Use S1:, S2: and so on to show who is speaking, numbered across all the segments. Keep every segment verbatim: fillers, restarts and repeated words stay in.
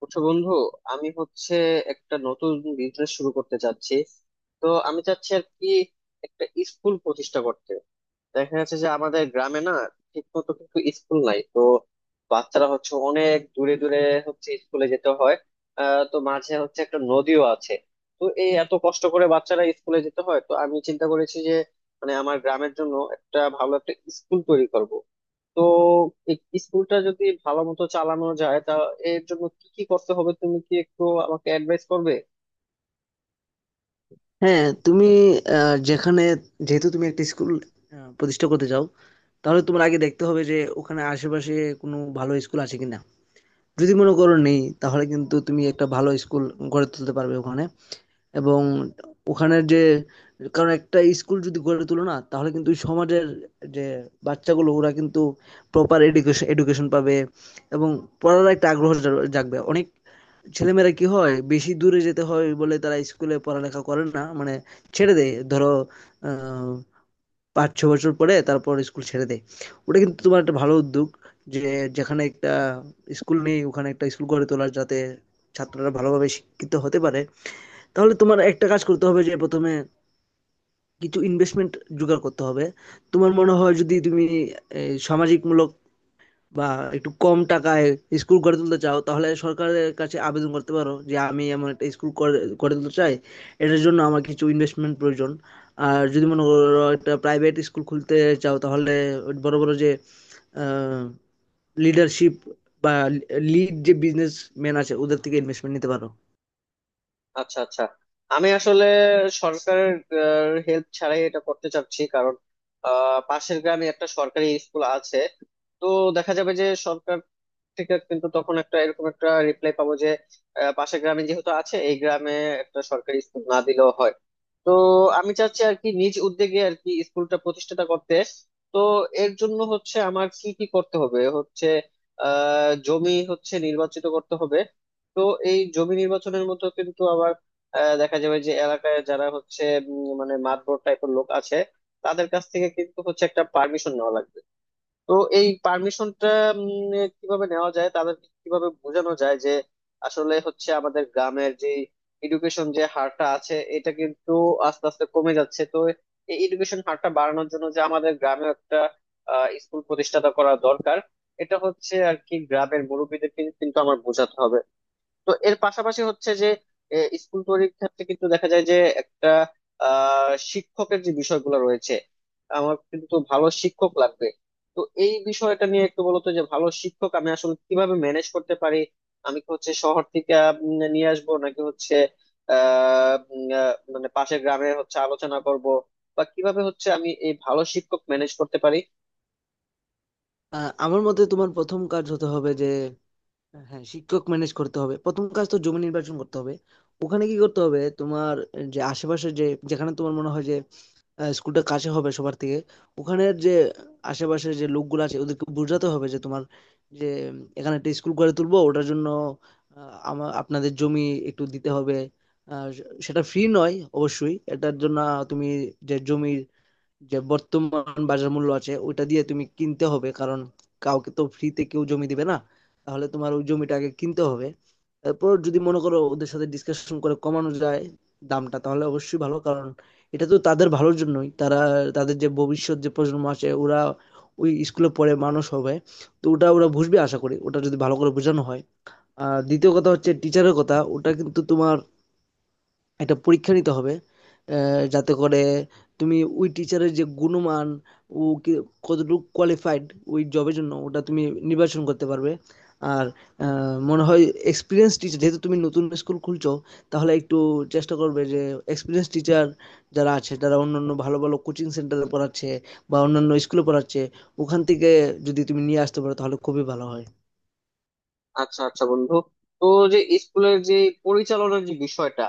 S1: বুঝছো বন্ধু, আমি হচ্ছে একটা নতুন বিজনেস শুরু করতে চাচ্ছি। তো আমি চাচ্ছি আর কি একটা স্কুল প্রতিষ্ঠা করতে। দেখা যাচ্ছে যে আমাদের গ্রামে না ঠিক মতো কিন্তু স্কুল নাই, তো বাচ্চারা হচ্ছে অনেক দূরে দূরে হচ্ছে স্কুলে যেতে হয়। আহ তো মাঝে হচ্ছে একটা নদীও আছে। তো এই এত কষ্ট করে বাচ্চারা স্কুলে যেতে হয়, তো আমি চিন্তা করেছি যে মানে আমার গ্রামের জন্য একটা ভালো একটা স্কুল তৈরি করব। তো এই স্কুলটা যদি ভালো মতো চালানো যায়, তা এর জন্য কি কি করতে হবে তুমি কি একটু আমাকে অ্যাডভাইস করবে?
S2: হ্যাঁ, তুমি আহ, যেখানে যেহেতু তুমি একটা স্কুল প্রতিষ্ঠা করতে চাও, তাহলে তোমার আগে দেখতে হবে যে ওখানে আশেপাশে কোনো ভালো স্কুল আছে কিনা। যদি মনে করো নেই, তাহলে কিন্তু তুমি একটা ভালো স্কুল গড়ে তুলতে পারবে ওখানে। এবং ওখানের যে, কারণ একটা স্কুল যদি গড়ে তুলো না, তাহলে কিন্তু ওই সমাজের যে বাচ্চাগুলো ওরা কিন্তু প্রপার এডুকেশন এডুকেশন পাবে। এবং পড়ার একটা আগ্রহ জা- জাগবে। অনেক ছেলেমেয়েরা কি হয়, বেশি দূরে যেতে হয় বলে তারা স্কুলে পড়ালেখা করে না, মানে ছেড়ে দেয়। ধরো, আহ, পাঁচ ছ বছর পরে তারপর স্কুল ছেড়ে দেয়। ওটা কিন্তু তোমার একটা ভালো উদ্যোগ যে যেখানে একটা স্কুল নেই ওখানে একটা স্কুল গড়ে তোলার, যাতে ছাত্ররা ভালোভাবে শিক্ষিত হতে পারে। তাহলে তোমার একটা কাজ করতে হবে যে প্রথমে কিছু ইনভেস্টমেন্ট জোগাড় করতে হবে। তোমার মনে হয় যদি তুমি এই, সামাজিকমূলক বা একটু কম টাকায় স্কুল গড়ে তুলতে চাও, তাহলে সরকারের কাছে আবেদন করতে পারো যে আমি এমন একটা স্কুল করে গড়ে তুলতে চাই, এটার জন্য আমার কিছু ইনভেস্টমেন্ট প্রয়োজন। আর যদি মনে করো একটা প্রাইভেট স্কুল খুলতে চাও, তাহলে বড় বড় যে লিডারশিপ বা লিড যে বিজনেস ম্যান আছে, ওদের থেকে ইনভেস্টমেন্ট নিতে পারো।
S1: আচ্ছা, আচ্ছা। আমি আসলে সরকারের হেল্প ছাড়াই এটা করতে চাচ্ছি, কারণ আহ, পাশের গ্রামে একটা সরকারি স্কুল আছে। তো দেখা যাবে যে সরকার থেকে কিন্তু তখন একটা এরকম একটা রিপ্লাই পাবো যে আহ, পাশের গ্রামে যেহেতু আছে, এই গ্রামে একটা সরকারি স্কুল না দিলেও হয়। তো আমি চাচ্ছি আর কি নিজ উদ্যোগে আর কি স্কুলটা প্রতিষ্ঠাতা করতে। তো এর জন্য হচ্ছে আমার কি কি করতে হবে, হচ্ছে আহ জমি হচ্ছে নির্বাচিত করতে হবে। তো এই জমি নির্বাচনের মতো কিন্তু আবার আহ, দেখা যাবে যে এলাকায় যারা হচ্ছে উম, মানে মাতব্বর টাইপের লোক আছে, তাদের কাছ থেকে কিন্তু হচ্ছে একটা পারমিশন নেওয়া লাগবে। তো এই পারমিশনটা কিভাবে নেওয়া যায়, তাদেরকে কিভাবে বোঝানো যায় যে আসলে হচ্ছে আমাদের গ্রামের যে এডুকেশন যে হারটা আছে এটা কিন্তু আস্তে আস্তে কমে যাচ্ছে। তো এই এডুকেশন হারটা বাড়ানোর জন্য যে আমাদের গ্রামে একটা স্কুল প্রতিষ্ঠাতা করা দরকার, এটা হচ্ছে আর কি গ্রামের মুরব্বীদেরকে কিন্তু আমার বোঝাতে হবে। তো এর পাশাপাশি হচ্ছে যে এ, স্কুল তৈরির ক্ষেত্রে কিন্তু দেখা যায় যে একটা আহ শিক্ষকের যে বিষয়গুলো রয়েছে, আমার কিন্তু ভালো শিক্ষক লাগবে। তো এই বিষয়টা নিয়ে একটু বলতো যে ভালো শিক্ষক আমি আসলে কিভাবে ম্যানেজ করতে পারি। আমি কি হচ্ছে শহর থেকে উম, নিয়ে আসবো, নাকি হচ্ছে আহ উম, আহ, মানে পাশের গ্রামে হচ্ছে আলোচনা করব, বা কিভাবে হচ্ছে আমি এই ভালো শিক্ষক ম্যানেজ করতে পারি?
S2: আহ, আমার মতে তোমার প্রথম কাজ হতে হবে যে, হ্যাঁ, শিক্ষক ম্যানেজ করতে হবে। প্রথম কাজ তো জমি নির্বাচন করতে হবে। ওখানে কি করতে হবে তোমার? যে আশেপাশে যে, যেখানে তোমার মনে হয় যে আহ, স্কুলটা কাছে হবে সবার থেকে, ওখানের যে আশেপাশে যে লোকগুলো আছে ওদেরকে বোঝাতে হবে যে, তোমার যে, উম, এখানে একটা স্কুল গড়ে তুলবো, ওটার জন্য আমার আপনাদের জমি একটু দিতে হবে। আহ, সেটা ফ্রি নয়, অবশ্যই এটার জন্য তুমি যে জমির যে বর্তমান বাজার মূল্য আছে ওইটা দিয়ে তুমি কিনতে হবে, কারণ কাউকে তো ফ্রিতে কেউ জমি দিবে না। তাহলে তোমার ওই জমিটা আগে কিনতে হবে। তারপর যদি মনে করো ওদের সাথে ডিসকাশন করে কমানো যায় দামটা, তাহলে অবশ্যই ভালো, কারণ এটা তো তাদের ভালোর জন্যই। তারা, তাদের যে ভবিষ্যৎ যে প্রজন্ম আছে ওরা ওই স্কুলে পড়ে মানুষ হবে। তো ওটা ওরা বুঝবে, আশা করি, ওটা যদি ভালো করে বোঝানো হয়। আর দ্বিতীয় কথা হচ্ছে টিচারের কথা। ওটা কিন্তু তোমার একটা পরীক্ষা নিতে হবে, আহ, যাতে করে তুমি ওই টিচারের যে গুণমান, ও কি কতটুকু কোয়ালিফাইড ওই জবের জন্য, ওটা তুমি নির্বাচন করতে পারবে। আর আহ, মনে হয় এক্সপিরিয়েন্স টিচার, যেহেতু তুমি নতুন স্কুল খুলছো, তাহলে একটু চেষ্টা করবে যে এক্সপিরিয়েন্স টিচার যারা আছে, যারা অন্যান্য ভালো ভালো কোচিং সেন্টারে পড়াচ্ছে বা অন্যান্য স্কুলে পড়াচ্ছে, ওখান থেকে যদি তুমি নিয়ে আসতে পারো তাহলে খুবই ভালো হয়।
S1: আচ্ছা, আচ্ছা বন্ধু। তো যে স্কুলের যে পরিচালনার যে বিষয়টা,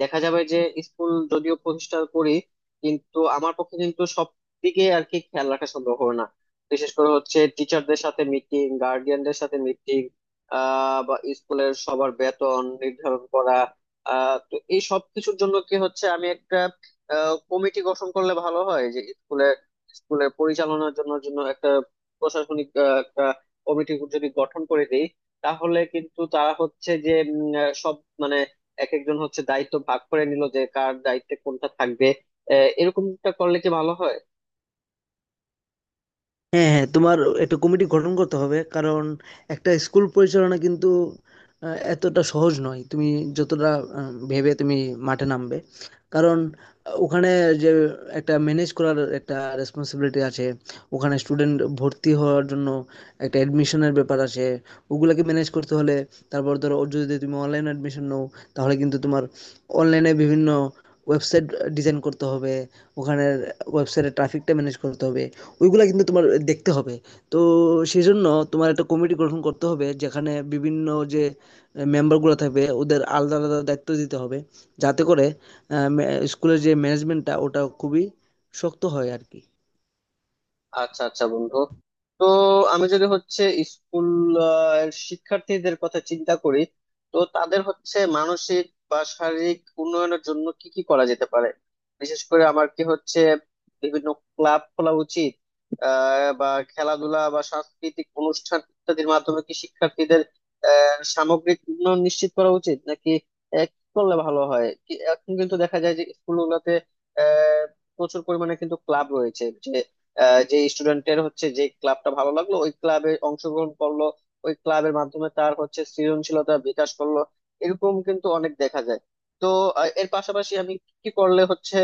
S1: দেখা যাবে যে স্কুল যদিও প্রতিষ্ঠা করি, কিন্তু আমার পক্ষে কিন্তু সব দিকে আর কি খেয়াল রাখা সম্ভব হবে না। বিশেষ করে হচ্ছে টিচারদের সাথে মিটিং, গার্ডিয়ানদের সাথে মিটিং, আহ বা স্কুলের সবার বেতন নির্ধারণ করা। আহ তো এই সব কিছুর জন্য কি হচ্ছে আমি একটা কমিটি গঠন করলে ভালো হয়? যে স্কুলের স্কুলের পরিচালনার জন্য জন্য একটা প্রশাসনিক আহ, একটা কমিটি যদি গঠন করে দিই, তাহলে কিন্তু তারা হচ্ছে যে উম, আহ, সব মানে এক একজন হচ্ছে দায়িত্ব ভাগ করে নিল যে কার দায়িত্বে কোনটা থাকবে। আহ, এরকমটা করলে কি ভালো হয়?
S2: হ্যাঁ, হ্যাঁ, তোমার একটা কমিটি গঠন করতে হবে, কারণ একটা স্কুল পরিচালনা কিন্তু আহ, এতটা সহজ নয় তুমি যতটা আহ, ভেবে তুমি মাঠে নামবে। কারণ আহ, ওখানে যে একটা ম্যানেজ করার একটা রেসপন্সিবিলিটি আছে। ওখানে স্টুডেন্ট ভর্তি হওয়ার জন্য একটা অ্যাডমিশনের ব্যাপার আছে, ওগুলাকে ম্যানেজ করতে হলে। তারপর ধরো ও যদি তুমি অনলাইন অ্যাডমিশন নাও, তাহলে কিন্তু তোমার অনলাইনে বিভিন্ন ওয়েবসাইট ডিজাইন করতে হবে, ওখানের ওয়েবসাইটে ট্রাফিকটা ম্যানেজ করতে হবে। ওইগুলা কিন্তু তোমার দেখতে হবে। তো সেজন্য তোমার একটা কমিটি গঠন করতে হবে, যেখানে বিভিন্ন যে মেম্বারগুলো থাকবে, ওদের আলাদা আলাদা দায়িত্ব দিতে হবে, যাতে করে আহ, মে- স্কুলের যে ম্যানেজমেন্টটা ওটা খুবই শক্ত হয় আর কি।
S1: আচ্ছা, আচ্ছা বন্ধু। তো আমি যদি হচ্ছে স্কুল আহ, শিক্ষার্থীদের কথা চিন্তা করি, তো তাদের হচ্ছে মানসিক বা শারীরিক উন্নয়নের জন্য কি কি করা যেতে পারে? বিশেষ করে আমার কি হচ্ছে বিভিন্ন ক্লাব খোলা উচিত, আহ বা খেলাধুলা বা সাংস্কৃতিক অনুষ্ঠান ইত্যাদির মাধ্যমে কি শিক্ষার্থীদের আহ সামগ্রিক উন্নয়ন নিশ্চিত করা উচিত, নাকি আহ, কি করলে ভালো হয়? কি- এখন কিন্তু দেখা যায় যে স্কুলগুলোতে আহ প্রচুর পরিমাণে কিন্তু ক্লাব রয়েছে। আহ, যে স্টুডেন্টের হচ্ছে যে ক্লাবটা ভালো লাগলো, ওই ক্লাবে অংশগ্রহণ করলো, ওই ক্লাবের মাধ্যমে তার হচ্ছে সৃজনশীলতা বিকাশ করলো, এরকম কিন্তু অনেক দেখা যায়। তো আহ, এর পাশাপাশি আমি কি করলে হচ্ছে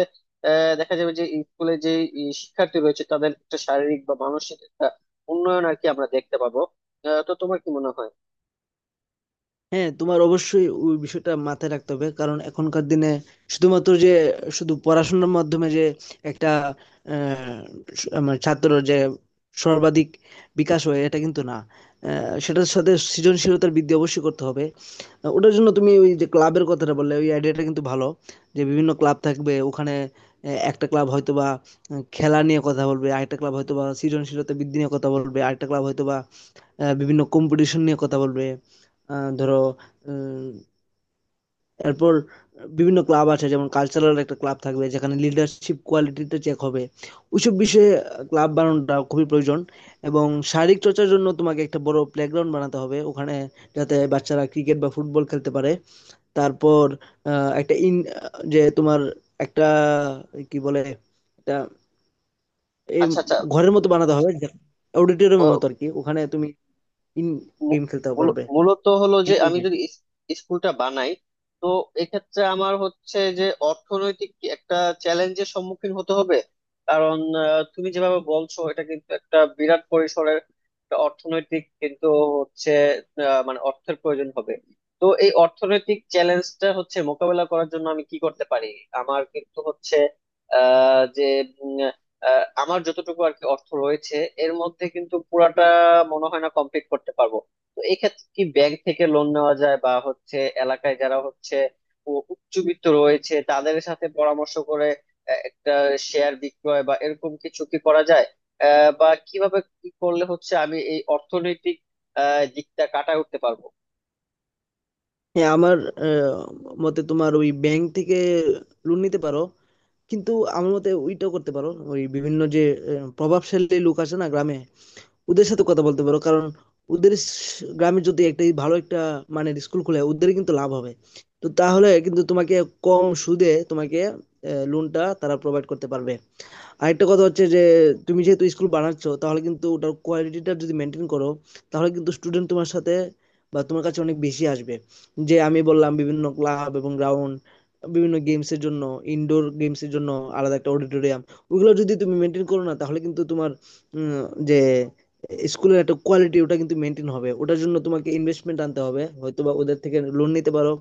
S1: আহ, দেখা যাবে যে স্কুলে যে ই শিক্ষার্থী রয়েছে তাদের একটা শারীরিক বা মানসিক একটা উন্নয়ন আর কি আমরা দেখতে পাবো। আহ, তো তোমার কি মনে হয়?
S2: হ্যাঁ, তোমার অবশ্যই ওই বিষয়টা মাথায় রাখতে হবে, কারণ এখনকার দিনে শুধুমাত্র যে, শুধু পড়াশোনার মাধ্যমে যে একটা আহ, স- মানে ছাত্রর যে সর্বাধিক বিকাশ হয় এটা কিন্তু না। আহ, সেটার সাথে সৃজনশীলতার বৃদ্ধি অবশ্যই করতে হবে। ওটার জন্য তুমি ওই যে ক্লাবের কথাটা বললে, ওই আইডিয়াটা কিন্তু ভালো, যে বিভিন্ন ক্লাব থাকবে ওখানে। আহ, একটা ক্লাব হয়তো বা আহ, খেলা নিয়ে কথা বলবে, আরেকটা ক্লাব হয়তো বা সৃজনশীলতা বৃদ্ধি নিয়ে কথা বলবে, আরেকটা ক্লাব হয়তো বা আহ, বিভিন্ন কম্পিটিশন নিয়ে কথা বলবে। আহ, ধরো, উম, এরপর বিভিন্ন ক্লাব আছে, যেমন কালচারাল একটা ক্লাব থাকবে যেখানে লিডারশিপ কোয়ালিটিটা চেক হবে। ওইসব বিষয়ে ক্লাব বানানোটা খুবই প্রয়োজন। এবং শারীরিক চর্চার জন্য তোমাকে একটা বড় প্লেগ্রাউন্ড বানাতে হবে ওখানে, যাতে বাচ্চারা ক্রিকেট বা ফুটবল খেলতে পারে। তারপর আহ, একটা ইন যে তোমার একটা, কি বলে, একটা এই
S1: আচ্ছা, আচ্ছা।
S2: ঘরের মতো বানাতে হবে, অডিটোরিয়ামের মতো আর কি, ওখানে তুমি ইন
S1: মূ-
S2: গেম খেলতে
S1: মূল-
S2: পারবে।
S1: মূলত হলো যে
S2: Indoor
S1: আমি
S2: game।
S1: যদি ইস- স্কুলটা বানাই, তো এক্ষেত্রে আমার হচ্ছে যে অর্থনৈতিক একটা চ্যালেঞ্জের সম্মুখীন হতে হবে। কারণ আহ, তুমি যেভাবে বলছো এটা কিন্তু একটা বিরাট পরিসরের একটা অর্থনৈতিক কিন্তু হচ্ছে আহ, মানে অর্থের প্রয়োজন হবে। তো এই অর্থনৈতিক চ্যালেঞ্জটা হচ্ছে মোকাবেলা করার জন্য আমি কি করতে পারি? আমার কিন্তু হচ্ছে আহ যে উম, আহ, আমার যতটুকু আর কি অর্থ রয়েছে এর মধ্যে কিন্তু পুরাটা মনে হয় না কমপ্লিট করতে পারবো। তো এক্ষেত্রে কি ব্যাংক থেকে লোন নেওয়া যায়, বা হচ্ছে এলাকায় যারা হচ্ছে উ- উচ্চবিত্ত রয়েছে তাদের সাথে পরামর্শ করে আহ, একটা শেয়ার বিক্রয় বা এরকম কিছু কি করা যায়? আহ, বা কিভাবে কি করলে হচ্ছে আমি এই অর্থনৈতিক আহ, দিকটা কাটায় উঠতে পারবো?
S2: হ্যাঁ, আমার আহ, মতে তোমার ওই ব্যাংক থেকে লোন নিতে পারো, কিন্তু আমার মতে ওইটাও করতে পারো, ওই বিভিন্ন যে আহ, প্রভাবশালী লোক আছে না গ্রামে, ওদের সাথে কথা বলতে পারো, কারণ ওদের স- গ্রামে যদি একটা ভালো একটা, মানে স্কুল খুলে ওদের কিন্তু লাভ হবে। তো তাহলে কিন্তু তোমাকে কম সুদে তোমাকে লোনটা তারা প্রোভাইড করতে পারবে। আরেকটা কথা হচ্ছে যে তুমি যেহেতু স্কুল বানাচ্ছ, তাহলে কিন্তু ওটার কোয়ালিটিটা যদি মেনটেন করো, তাহলে কিন্তু স্টুডেন্ট তোমার সাথে বা তোমার কাছে অনেক বেশি আসবে। যে আমি বললাম বিভিন্ন ক্লাব এবং গ্রাউন্ড, বিভিন্ন গেমসের জন্য, ইনডোর গেমসের জন্য আলাদা একটা অডিটোরিয়াম, ওগুলো যদি তুমি মেনটেন করো না, তাহলে কিন্তু তোমার উম, যে স্কুলের একটা কোয়ালিটি ওটা কিন্তু মেনটেন হবে। ওটার জন্য তোমাকে ইনভেস্টমেন্ট আনতে হবে, হয়তো বা ওদের থেকে লোন নিতে পারো।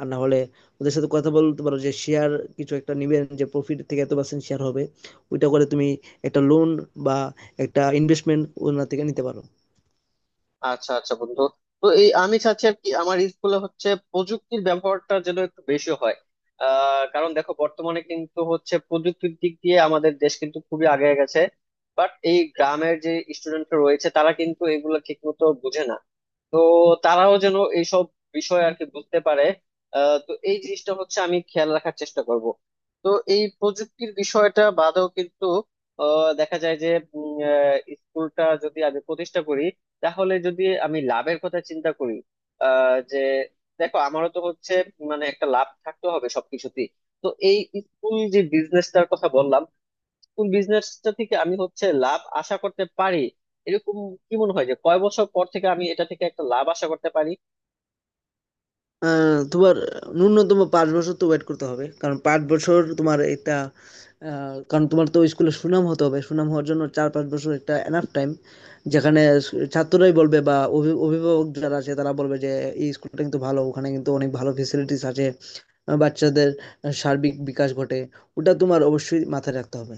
S2: আর না হলে ওদের সাথে কথা বলতে পারো যে শেয়ার কিছু একটা নিবেন, যে প্রফিট থেকে এত পার্সেন্ট শেয়ার হবে। ওইটা করে তুমি একটা লোন বা একটা ইনভেস্টমেন্ট ওনার থেকে নিতে পারো।
S1: আচ্ছা, আচ্ছা বন্ধু। তো এই আমি চাচ্ছি আর কি আমার স্কুলে হচ্ছে প্রযুক্তির ব্যবহারটা যেন একটু বেশি হয়। আহ কারণ দেখো, বর্তমানে কিন্তু হচ্ছে প্রযুক্তির দিক দিয়ে আমাদের দেশ কিন্তু খুবই আগে গেছে। বাট এই গ্রামের যে স্টুডেন্ট রয়েছে তারা কিন্তু এগুলো ঠিক মতো বুঝে না। তো তারাও যেন এইসব বিষয় আর কি বুঝতে পারে, আহ, তো এই জিনিসটা হচ্ছে আমি খেয়াল রাখার চেষ্টা করব। তো এই প্রযুক্তির বিষয়টা বাদেও কিন্তু আহ, দেখা যায় যে উম, আহ, স্কুলটা যদি আমি প্রতিষ্ঠা করি, তাহলে যদি আমি লাভের কথা চিন্তা করি, আহ, যে দেখো, আমারও তো হচ্ছে মানে একটা লাভ থাকতে হবে সবকিছুতেই। তো এই স্কুল যে বিজনেসটার কথা বললাম, কোন বিজনেসটা থেকে আমি হচ্ছে লাভ আশা করতে পারি এরকম, কি মনে হয় যে কয় বছর পর থেকে আমি এটা থেকে একটা লাভ আশা করতে পারি?
S2: আহ, তোমার ন্যূনতম পাঁচ বছর তো ওয়েট করতে হবে, কারণ পাঁচ বছর তোমার একটা, আহ, কারণ তোমার তো স্কুলে সুনাম হতে হবে। সুনাম হওয়ার জন্য চার পাঁচ বছর একটা এনাফ টাইম, যেখানে ছাত্ররাই বলবে বা অভি- অভিভাবক যারা আছে তারা বলবে যে এই স্কুলটা কিন্তু ভালো, ওখানে কিন্তু অনেক ভালো ফেসিলিটিস আছে। আহ, বাচ্চাদের সার্বিক বিকাশ ঘটে। ওটা তোমার অবশ্যই মাথায় রাখতে হবে।